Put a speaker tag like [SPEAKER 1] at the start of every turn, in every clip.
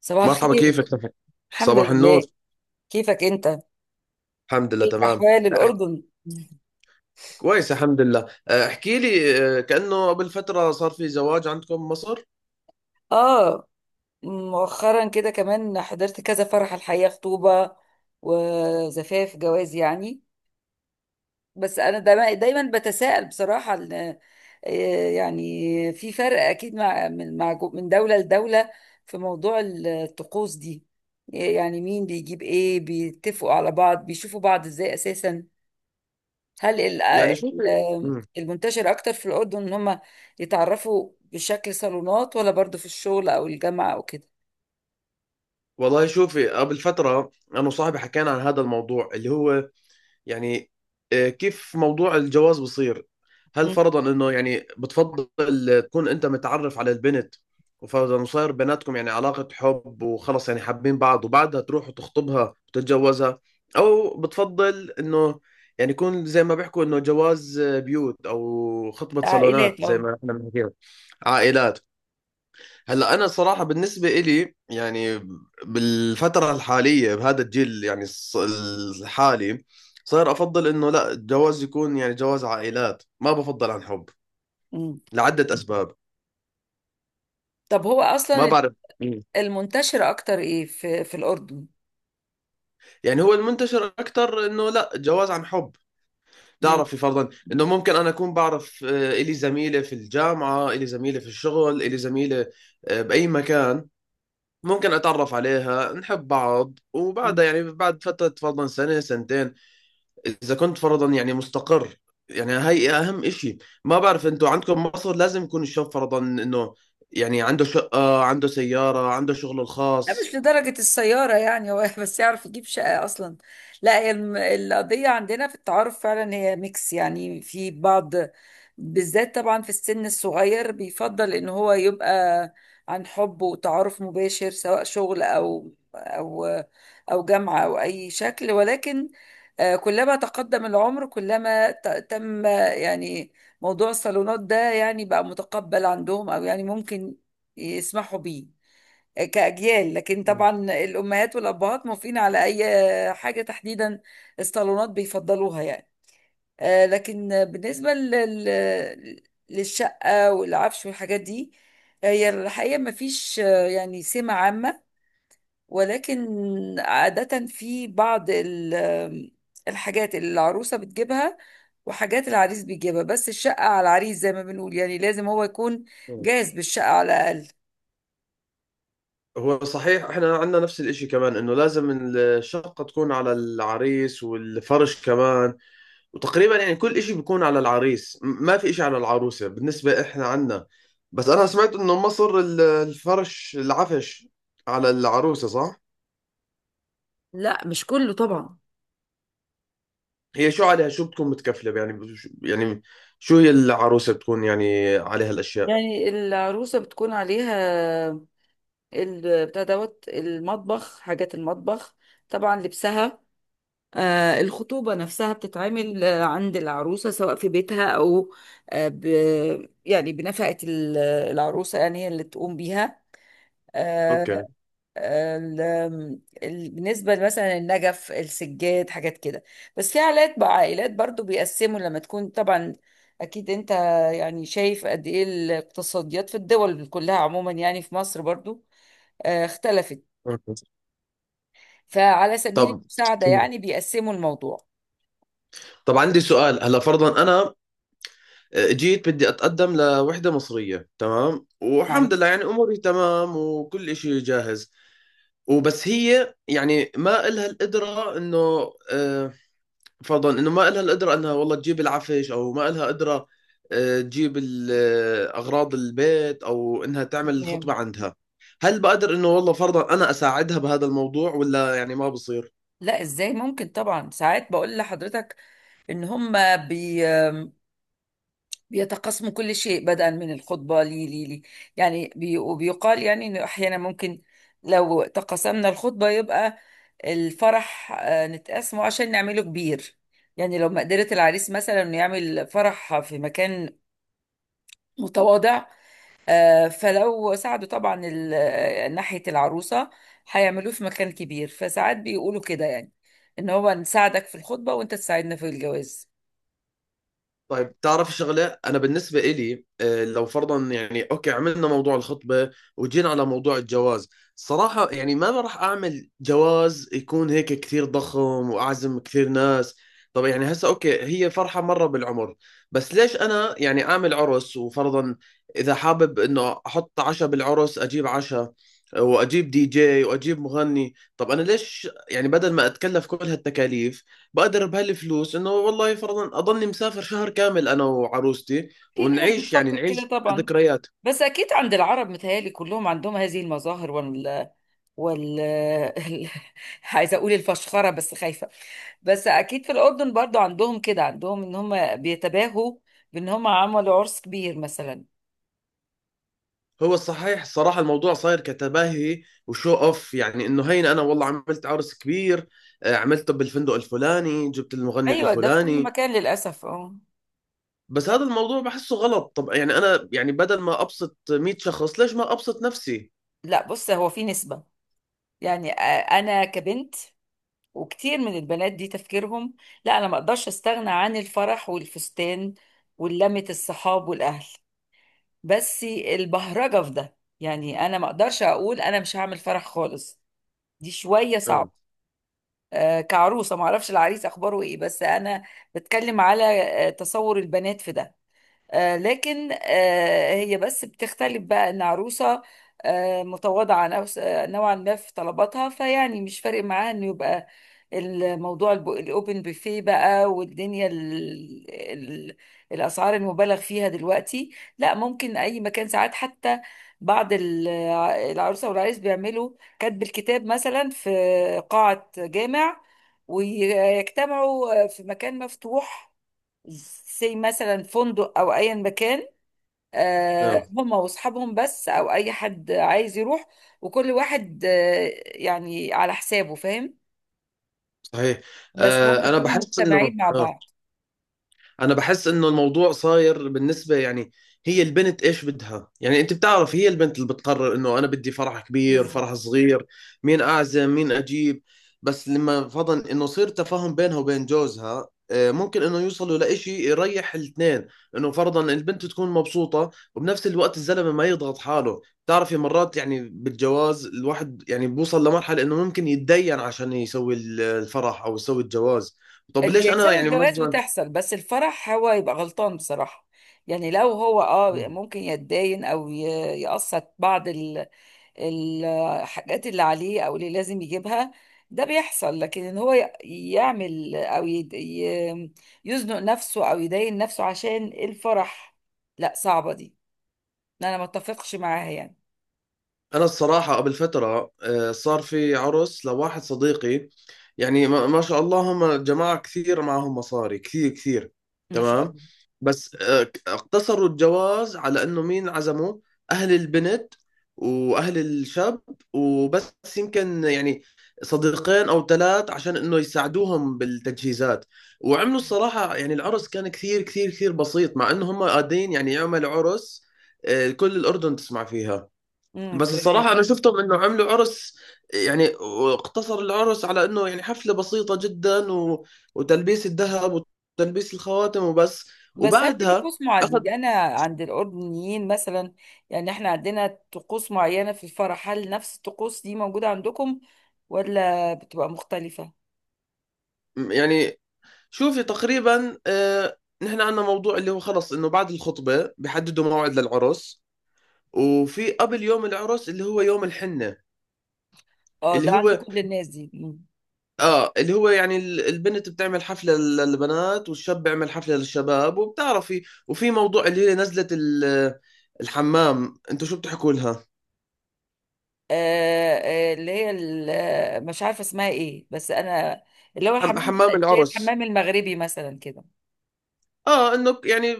[SPEAKER 1] صباح
[SPEAKER 2] مرحبا،
[SPEAKER 1] الخير.
[SPEAKER 2] كيفك؟
[SPEAKER 1] الحمد
[SPEAKER 2] صباح النور.
[SPEAKER 1] لله. كيفك انت؟
[SPEAKER 2] الحمد لله،
[SPEAKER 1] كيف
[SPEAKER 2] تمام.
[SPEAKER 1] احوال
[SPEAKER 2] أح-
[SPEAKER 1] الاردن؟
[SPEAKER 2] كويس، الحمد لله. احكي لي، كأنه قبل فترة صار في زواج عندكم بمصر.
[SPEAKER 1] اه مؤخرا كده كمان حضرت كذا فرح، الحقيقه خطوبه وزفاف جواز يعني. بس انا دايما بتساءل بصراحه، يعني في فرق اكيد مع من مع جو- من دوله لدوله في موضوع الطقوس دي. يعني مين بيجيب ايه، بيتفقوا على بعض، بيشوفوا بعض ازاي اساسا؟ هل
[SPEAKER 2] يعني شوفي. مم.
[SPEAKER 1] المنتشر اكتر في الاردن ان هم يتعرفوا بشكل صالونات، ولا برضو في الشغل او الجامعه او كده؟
[SPEAKER 2] والله شوفي، قبل فترة أنا وصاحبي حكينا عن هذا الموضوع اللي هو، يعني، كيف موضوع الجواز بصير. هل
[SPEAKER 1] مم.
[SPEAKER 2] فرضا انه يعني بتفضل تكون انت متعرف على البنت، وفرضا وصار بيناتكم يعني علاقة حب وخلص، يعني حابين بعض، وبعدها تروح وتخطبها وتتجوزها، او بتفضل انه يعني يكون زي ما بيحكوا انه جواز بيوت او خطبة صالونات
[SPEAKER 1] عائلات،
[SPEAKER 2] زي
[SPEAKER 1] اه.
[SPEAKER 2] ما احنا بنحكيها عائلات؟ هلا انا صراحه، بالنسبه إلي يعني، بالفتره الحاليه بهذا الجيل يعني الحالي، صار افضل انه لا، الجواز يكون يعني جواز عائلات، ما بفضل عن حب،
[SPEAKER 1] مم.
[SPEAKER 2] لعده اسباب.
[SPEAKER 1] طب هو
[SPEAKER 2] ما
[SPEAKER 1] اصلا
[SPEAKER 2] بعرف. مم.
[SPEAKER 1] المنتشر اكتر ايه في الاردن؟
[SPEAKER 2] يعني هو المنتشر اكثر انه لا، جواز عن حب. تعرفي فرضا انه ممكن انا اكون بعرف، الي زميله في الجامعه، الي زميله في الشغل، الي زميله باي مكان، ممكن اتعرف عليها، نحب بعض،
[SPEAKER 1] مم.
[SPEAKER 2] وبعدها يعني بعد فتره فرضا سنه سنتين. اذا كنت فرضا يعني مستقر، يعني هاي اهم اشي. ما بعرف انتوا عندكم مصر لازم يكون الشاب فرضا انه يعني عنده شقة، عنده سيارة، عنده شغله
[SPEAKER 1] لا مش
[SPEAKER 2] الخاص.
[SPEAKER 1] لدرجة السيارة يعني، هو بس يعرف يجيب شقة أصلا. لا، هي القضية عندنا في التعارف فعلا هي ميكس يعني، في بعض بالذات طبعا في السن الصغير بيفضل إن هو يبقى عن حب وتعارف مباشر، سواء شغل أو جامعة أو أي شكل. ولكن كلما تقدم العمر كلما تم يعني موضوع الصالونات ده يعني بقى متقبل عندهم، أو يعني ممكن يسمحوا بيه كأجيال. لكن
[SPEAKER 2] مم.
[SPEAKER 1] طبعا الأمهات والأبهات موافقين على أي حاجة تحديدا، الصالونات بيفضلوها يعني. لكن بالنسبة للشقة والعفش والحاجات دي، هي الحقيقة ما فيش يعني سمة عامة. ولكن عادة في بعض ال- آم، الحاجات اللي العروسة بتجيبها وحاجات العريس بيجيبها، بس الشقة على العريس زي ما بنقول، يعني لازم هو يكون
[SPEAKER 2] مم.
[SPEAKER 1] جاهز بالشقة على الأقل.
[SPEAKER 2] هو صحيح، احنا عندنا نفس الاشي كمان، انه لازم الشقة تكون على العريس والفرش كمان. وتقريبا يعني كل اشي بيكون على العريس، ما في اشي على العروسة بالنسبة احنا عندنا. بس انا سمعت انه مصر الفرش العفش على العروسة، صح؟
[SPEAKER 1] لا مش كله طبعا.
[SPEAKER 2] هي شو عليها، شو بتكون متكفلة يعني، يعني شو هي العروسة بتكون يعني عليها الأشياء؟
[SPEAKER 1] يعني العروسة بتكون عليها بتاع دوت المطبخ، حاجات المطبخ، طبعا لبسها. آه، الخطوبة نفسها بتتعمل عند العروسة، سواء في بيتها أو آه ب يعني بنفقة العروسة، يعني هي اللي تقوم بيها. آه،
[SPEAKER 2] أوكي.
[SPEAKER 1] ال- بالنسبة مثلا النجف، السجاد، حاجات كده. بس في عائلات بقى، عائلات برضو بيقسموا لما تكون طبعا، أكيد أنت يعني شايف قد إيه الاقتصاديات في الدول كلها عموما، يعني في مصر برضو اختلفت.
[SPEAKER 2] أوكي.
[SPEAKER 1] فعلى سبيل
[SPEAKER 2] طب
[SPEAKER 1] المساعدة يعني بيقسموا الموضوع.
[SPEAKER 2] طب عندي سؤال. هلا فرضا أنا جيت بدي أتقدم لوحدة مصرية، تمام،
[SPEAKER 1] نعم.
[SPEAKER 2] والحمد لله يعني أموري تمام وكل إشي جاهز. وبس هي يعني ما إلها القدرة، إنه آه، فرضا انه ما لها القدره انها والله تجيب العفش، او ما لها قدره تجيب اغراض البيت، او انها تعمل الخطبه
[SPEAKER 1] تمام.
[SPEAKER 2] عندها. هل بقدر انه والله فرضا انا اساعدها بهذا الموضوع، ولا يعني ما بصير؟
[SPEAKER 1] لا ازاي، ممكن طبعا. ساعات بقول لحضرتك ان هم بيتقاسموا كل شيء، بدءا من الخطبة لي لي لي يعني بي وبيقال يعني انه احيانا ممكن لو تقاسمنا الخطبة يبقى الفرح نتقاسمه عشان نعمله كبير. يعني لو مقدرة العريس مثلا انه يعمل فرح في مكان متواضع، فلو ساعدوا طبعا ناحية العروسة هيعملوه في مكان كبير. فساعات بيقولوا كده يعني، ان هو نساعدك في الخطبة وانت تساعدنا في الجواز.
[SPEAKER 2] طيب، تعرف شغلة أنا بالنسبة إلي، لو فرضا يعني أوكي عملنا موضوع الخطبة وجينا على موضوع الجواز. صراحة يعني ما راح أعمل جواز يكون هيك كثير ضخم وأعزم كثير ناس. طب يعني هسا أوكي، هي فرحة مرة بالعمر. بس ليش أنا يعني أعمل عرس؟ وفرضا إذا حابب إنه أحط عشاء بالعرس، أجيب عشاء، وأجيب دي جي، وأجيب مغني. طب أنا ليش يعني بدل ما أتكلف كل هالتكاليف، بقدر بهالفلوس انه والله فرضا اضلني مسافر شهر كامل انا وعروستي،
[SPEAKER 1] في ناس
[SPEAKER 2] ونعيش، يعني
[SPEAKER 1] بتفكر كده
[SPEAKER 2] نعيش
[SPEAKER 1] طبعا.
[SPEAKER 2] ذكريات.
[SPEAKER 1] بس اكيد عند العرب متهيألي كلهم عندهم هذه المظاهر وال وال عايزه اقول الفشخره بس خايفه. بس اكيد في الاردن برضو عندهم كده، عندهم ان هم بيتباهوا بان هم عملوا عرس كبير مثلا.
[SPEAKER 2] هو الصحيح صراحة الموضوع صاير كتباهي وشو اوف، يعني انه هين، انا والله عملت عرس كبير، عملته بالفندق الفلاني، جبت المغني
[SPEAKER 1] ايوه ده في كل
[SPEAKER 2] الفلاني.
[SPEAKER 1] مكان للاسف، اه.
[SPEAKER 2] بس هذا الموضوع بحسه غلط. طب يعني انا يعني بدل ما ابسط 100 شخص، ليش ما ابسط نفسي؟
[SPEAKER 1] لا بص، هو في نسبه، يعني انا كبنت وكتير من البنات دي تفكيرهم لا، انا ما اقدرش استغنى عن الفرح والفستان ولمة الصحاب والاهل. بس البهرجه في ده، يعني انا ما اقدرش اقول انا مش هعمل فرح خالص، دي شويه
[SPEAKER 2] اه،
[SPEAKER 1] صعب. آه كعروسه، ما اعرفش العريس اخباره ايه بس انا بتكلم على تصور البنات في ده. لكن هي بس بتختلف بقى، ان عروسه متواضعه نوعا ما في طلباتها، فيعني مش فارق معاها انه يبقى الموضوع الاوبن بوفيه بقى، والدنيا ال ال الاسعار المبالغ فيها دلوقتي. لا ممكن اي مكان. ساعات حتى بعض العروسه والعريس بيعملوا كاتب الكتاب مثلا في قاعه جامع، ويجتمعوا في مكان مفتوح زي مثلا فندق او ايا مكان،
[SPEAKER 2] اه،
[SPEAKER 1] هما واصحابهم بس، او اي حد عايز يروح. وكل واحد يعني على حسابه، فاهم؟
[SPEAKER 2] صحيح.
[SPEAKER 1] بس هم
[SPEAKER 2] آه انا
[SPEAKER 1] يكونوا
[SPEAKER 2] بحس انه
[SPEAKER 1] مجتمعين مع
[SPEAKER 2] آه.
[SPEAKER 1] بعض.
[SPEAKER 2] انا بحس انه الموضوع صاير بالنسبه يعني، هي البنت ايش بدها، يعني انت بتعرف، هي البنت اللي بتقرر انه انا بدي فرح كبير،
[SPEAKER 1] بالظبط.
[SPEAKER 2] فرح صغير، مين اعزم، مين اجيب. بس لما فضل انه صير تفاهم بينها وبين جوزها، ممكن انه يوصلوا لإشي يريح الاثنين، انه فرضا البنت تكون مبسوطة وبنفس الوقت الزلمة ما يضغط حاله. بتعرفي مرات يعني بالجواز الواحد يعني بوصل لمرحلة انه ممكن يتدين عشان يسوي الفرح او يسوي الجواز. طب ليش
[SPEAKER 1] اللي
[SPEAKER 2] انا
[SPEAKER 1] سبب
[SPEAKER 2] يعني
[SPEAKER 1] الجواز
[SPEAKER 2] مثلا.
[SPEAKER 1] بتحصل، بس الفرح هو يبقى غلطان بصراحة. يعني لو هو اه ممكن يتداين او يقسط بعض الحاجات اللي عليه او اللي لازم يجيبها، ده بيحصل. لكن ان هو ي- يعمل او يد- ي- يزنق نفسه او يداين نفسه عشان الفرح، لا صعبة دي، انا ما اتفقش معاها يعني.
[SPEAKER 2] انا الصراحه قبل فتره صار في عرس لواحد صديقي، يعني ما ما شاء الله، هم جماعه كثير، معهم مصاري كثير كثير.
[SPEAKER 1] ان شاء
[SPEAKER 2] تمام.
[SPEAKER 1] الله.
[SPEAKER 2] بس اقتصروا الجواز على انه مين عزموا، اهل البنت واهل الشاب وبس، يمكن يعني صديقين او ثلاث عشان انه يساعدوهم بالتجهيزات. وعملوا الصراحه يعني العرس كان كثير كثير كثير بسيط، مع انه هم قادرين يعني يعملوا عرس كل الاردن تسمع فيها. بس
[SPEAKER 1] تمام.
[SPEAKER 2] الصراحة أنا شفتهم إنه عملوا عرس، يعني واقتصر العرس على إنه يعني حفلة بسيطة جدا، و... وتلبيس الذهب، وتلبيس الخواتم وبس.
[SPEAKER 1] بس هل في
[SPEAKER 2] وبعدها
[SPEAKER 1] طقوس معينة
[SPEAKER 2] أخذ.
[SPEAKER 1] يعني انا، عند الاردنيين مثلا؟ يعني احنا عندنا طقوس معينة في الفرح، هل نفس الطقوس دي موجودة عندكم ولا بتبقى مختلفة؟
[SPEAKER 2] يعني شوفي، تقريبا نحن عندنا موضوع اللي هو، خلص، إنه بعد الخطبة بيحددوا موعد للعرس. وفي قبل يوم العرس اللي هو يوم الحنة،
[SPEAKER 1] اه
[SPEAKER 2] اللي
[SPEAKER 1] ده عند
[SPEAKER 2] هو
[SPEAKER 1] كل الناس دي.
[SPEAKER 2] اه اللي هو يعني البنت بتعمل حفلة للبنات، والشاب بيعمل حفلة للشباب، وبتعرفي. وفي موضوع اللي هي نزلة الحمام، انتوا شو بتحكوا لها؟
[SPEAKER 1] اللي هي مش عارفه اسمها ايه، بس انا اللي هو الحمام،
[SPEAKER 2] حمام
[SPEAKER 1] زي
[SPEAKER 2] العرس.
[SPEAKER 1] الحمام المغربي مثلا كده.
[SPEAKER 2] اه، انه يعني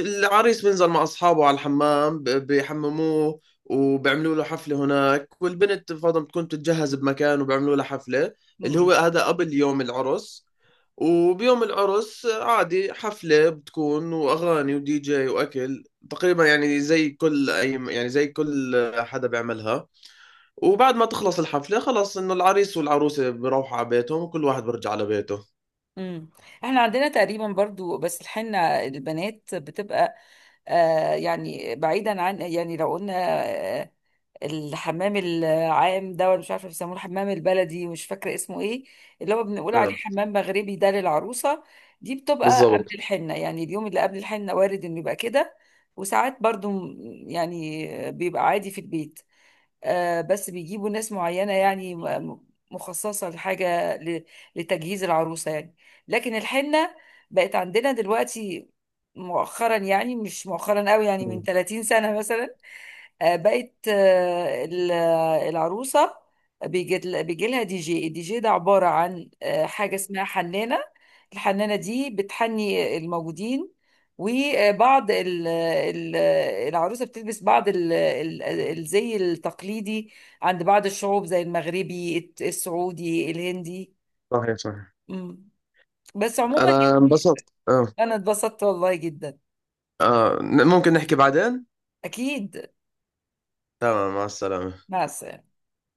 [SPEAKER 2] العريس بينزل مع اصحابه على الحمام، بيحمموه وبيعملوا له حفله هناك، والبنت فاضل بتكون بتتجهز بمكان وبيعملوا لها حفله. اللي
[SPEAKER 1] امم
[SPEAKER 2] هو هذا قبل يوم العرس. وبيوم العرس عادي حفله بتكون، واغاني، ودي جي، واكل. تقريبا يعني زي كل حدا بيعملها. وبعد ما تخلص الحفله خلاص، انه العريس والعروسه بيروحوا على بيتهم، وكل واحد بيرجع على بيته.
[SPEAKER 1] أمم. احنا عندنا تقريبا برضو، بس الحنه البنات بتبقى، يعني بعيدا عن، يعني لو قلنا الحمام العام ده، ولا مش عارفه بيسموه الحمام البلدي، مش فاكره اسمه ايه، اللي هو بنقول عليه
[SPEAKER 2] نعم.
[SPEAKER 1] حمام مغربي، ده للعروسه. دي بتبقى قبل
[SPEAKER 2] بالضبط.
[SPEAKER 1] الحنه، يعني اليوم اللي قبل الحنه وارد انه يبقى كده. وساعات برضو يعني بيبقى عادي في البيت. آه بس بيجيبوا ناس معينه يعني مخصصه لتجهيز العروسه يعني. لكن الحنه بقت عندنا دلوقتي مؤخرا، يعني مش مؤخرا قوي، يعني من
[SPEAKER 2] مم.
[SPEAKER 1] 30 سنه مثلا، بقت العروسة بيجي لها دي جي. الدي جي ده عبارة عن حاجة اسمها حنانة. الحنانة دي بتحني الموجودين. وبعض العروسة بتلبس بعض الزي التقليدي عند بعض الشعوب، زي المغربي، السعودي، الهندي.
[SPEAKER 2] صحيح، صحيح.
[SPEAKER 1] مم. بس عموما
[SPEAKER 2] انا
[SPEAKER 1] يعني،
[SPEAKER 2] انبسطت، اه.
[SPEAKER 1] أنا اتبسطت والله جدا.
[SPEAKER 2] اه، ممكن نحكي بعدين.
[SPEAKER 1] أكيد.
[SPEAKER 2] تمام، مع السلامة.
[SPEAKER 1] مع السلامة.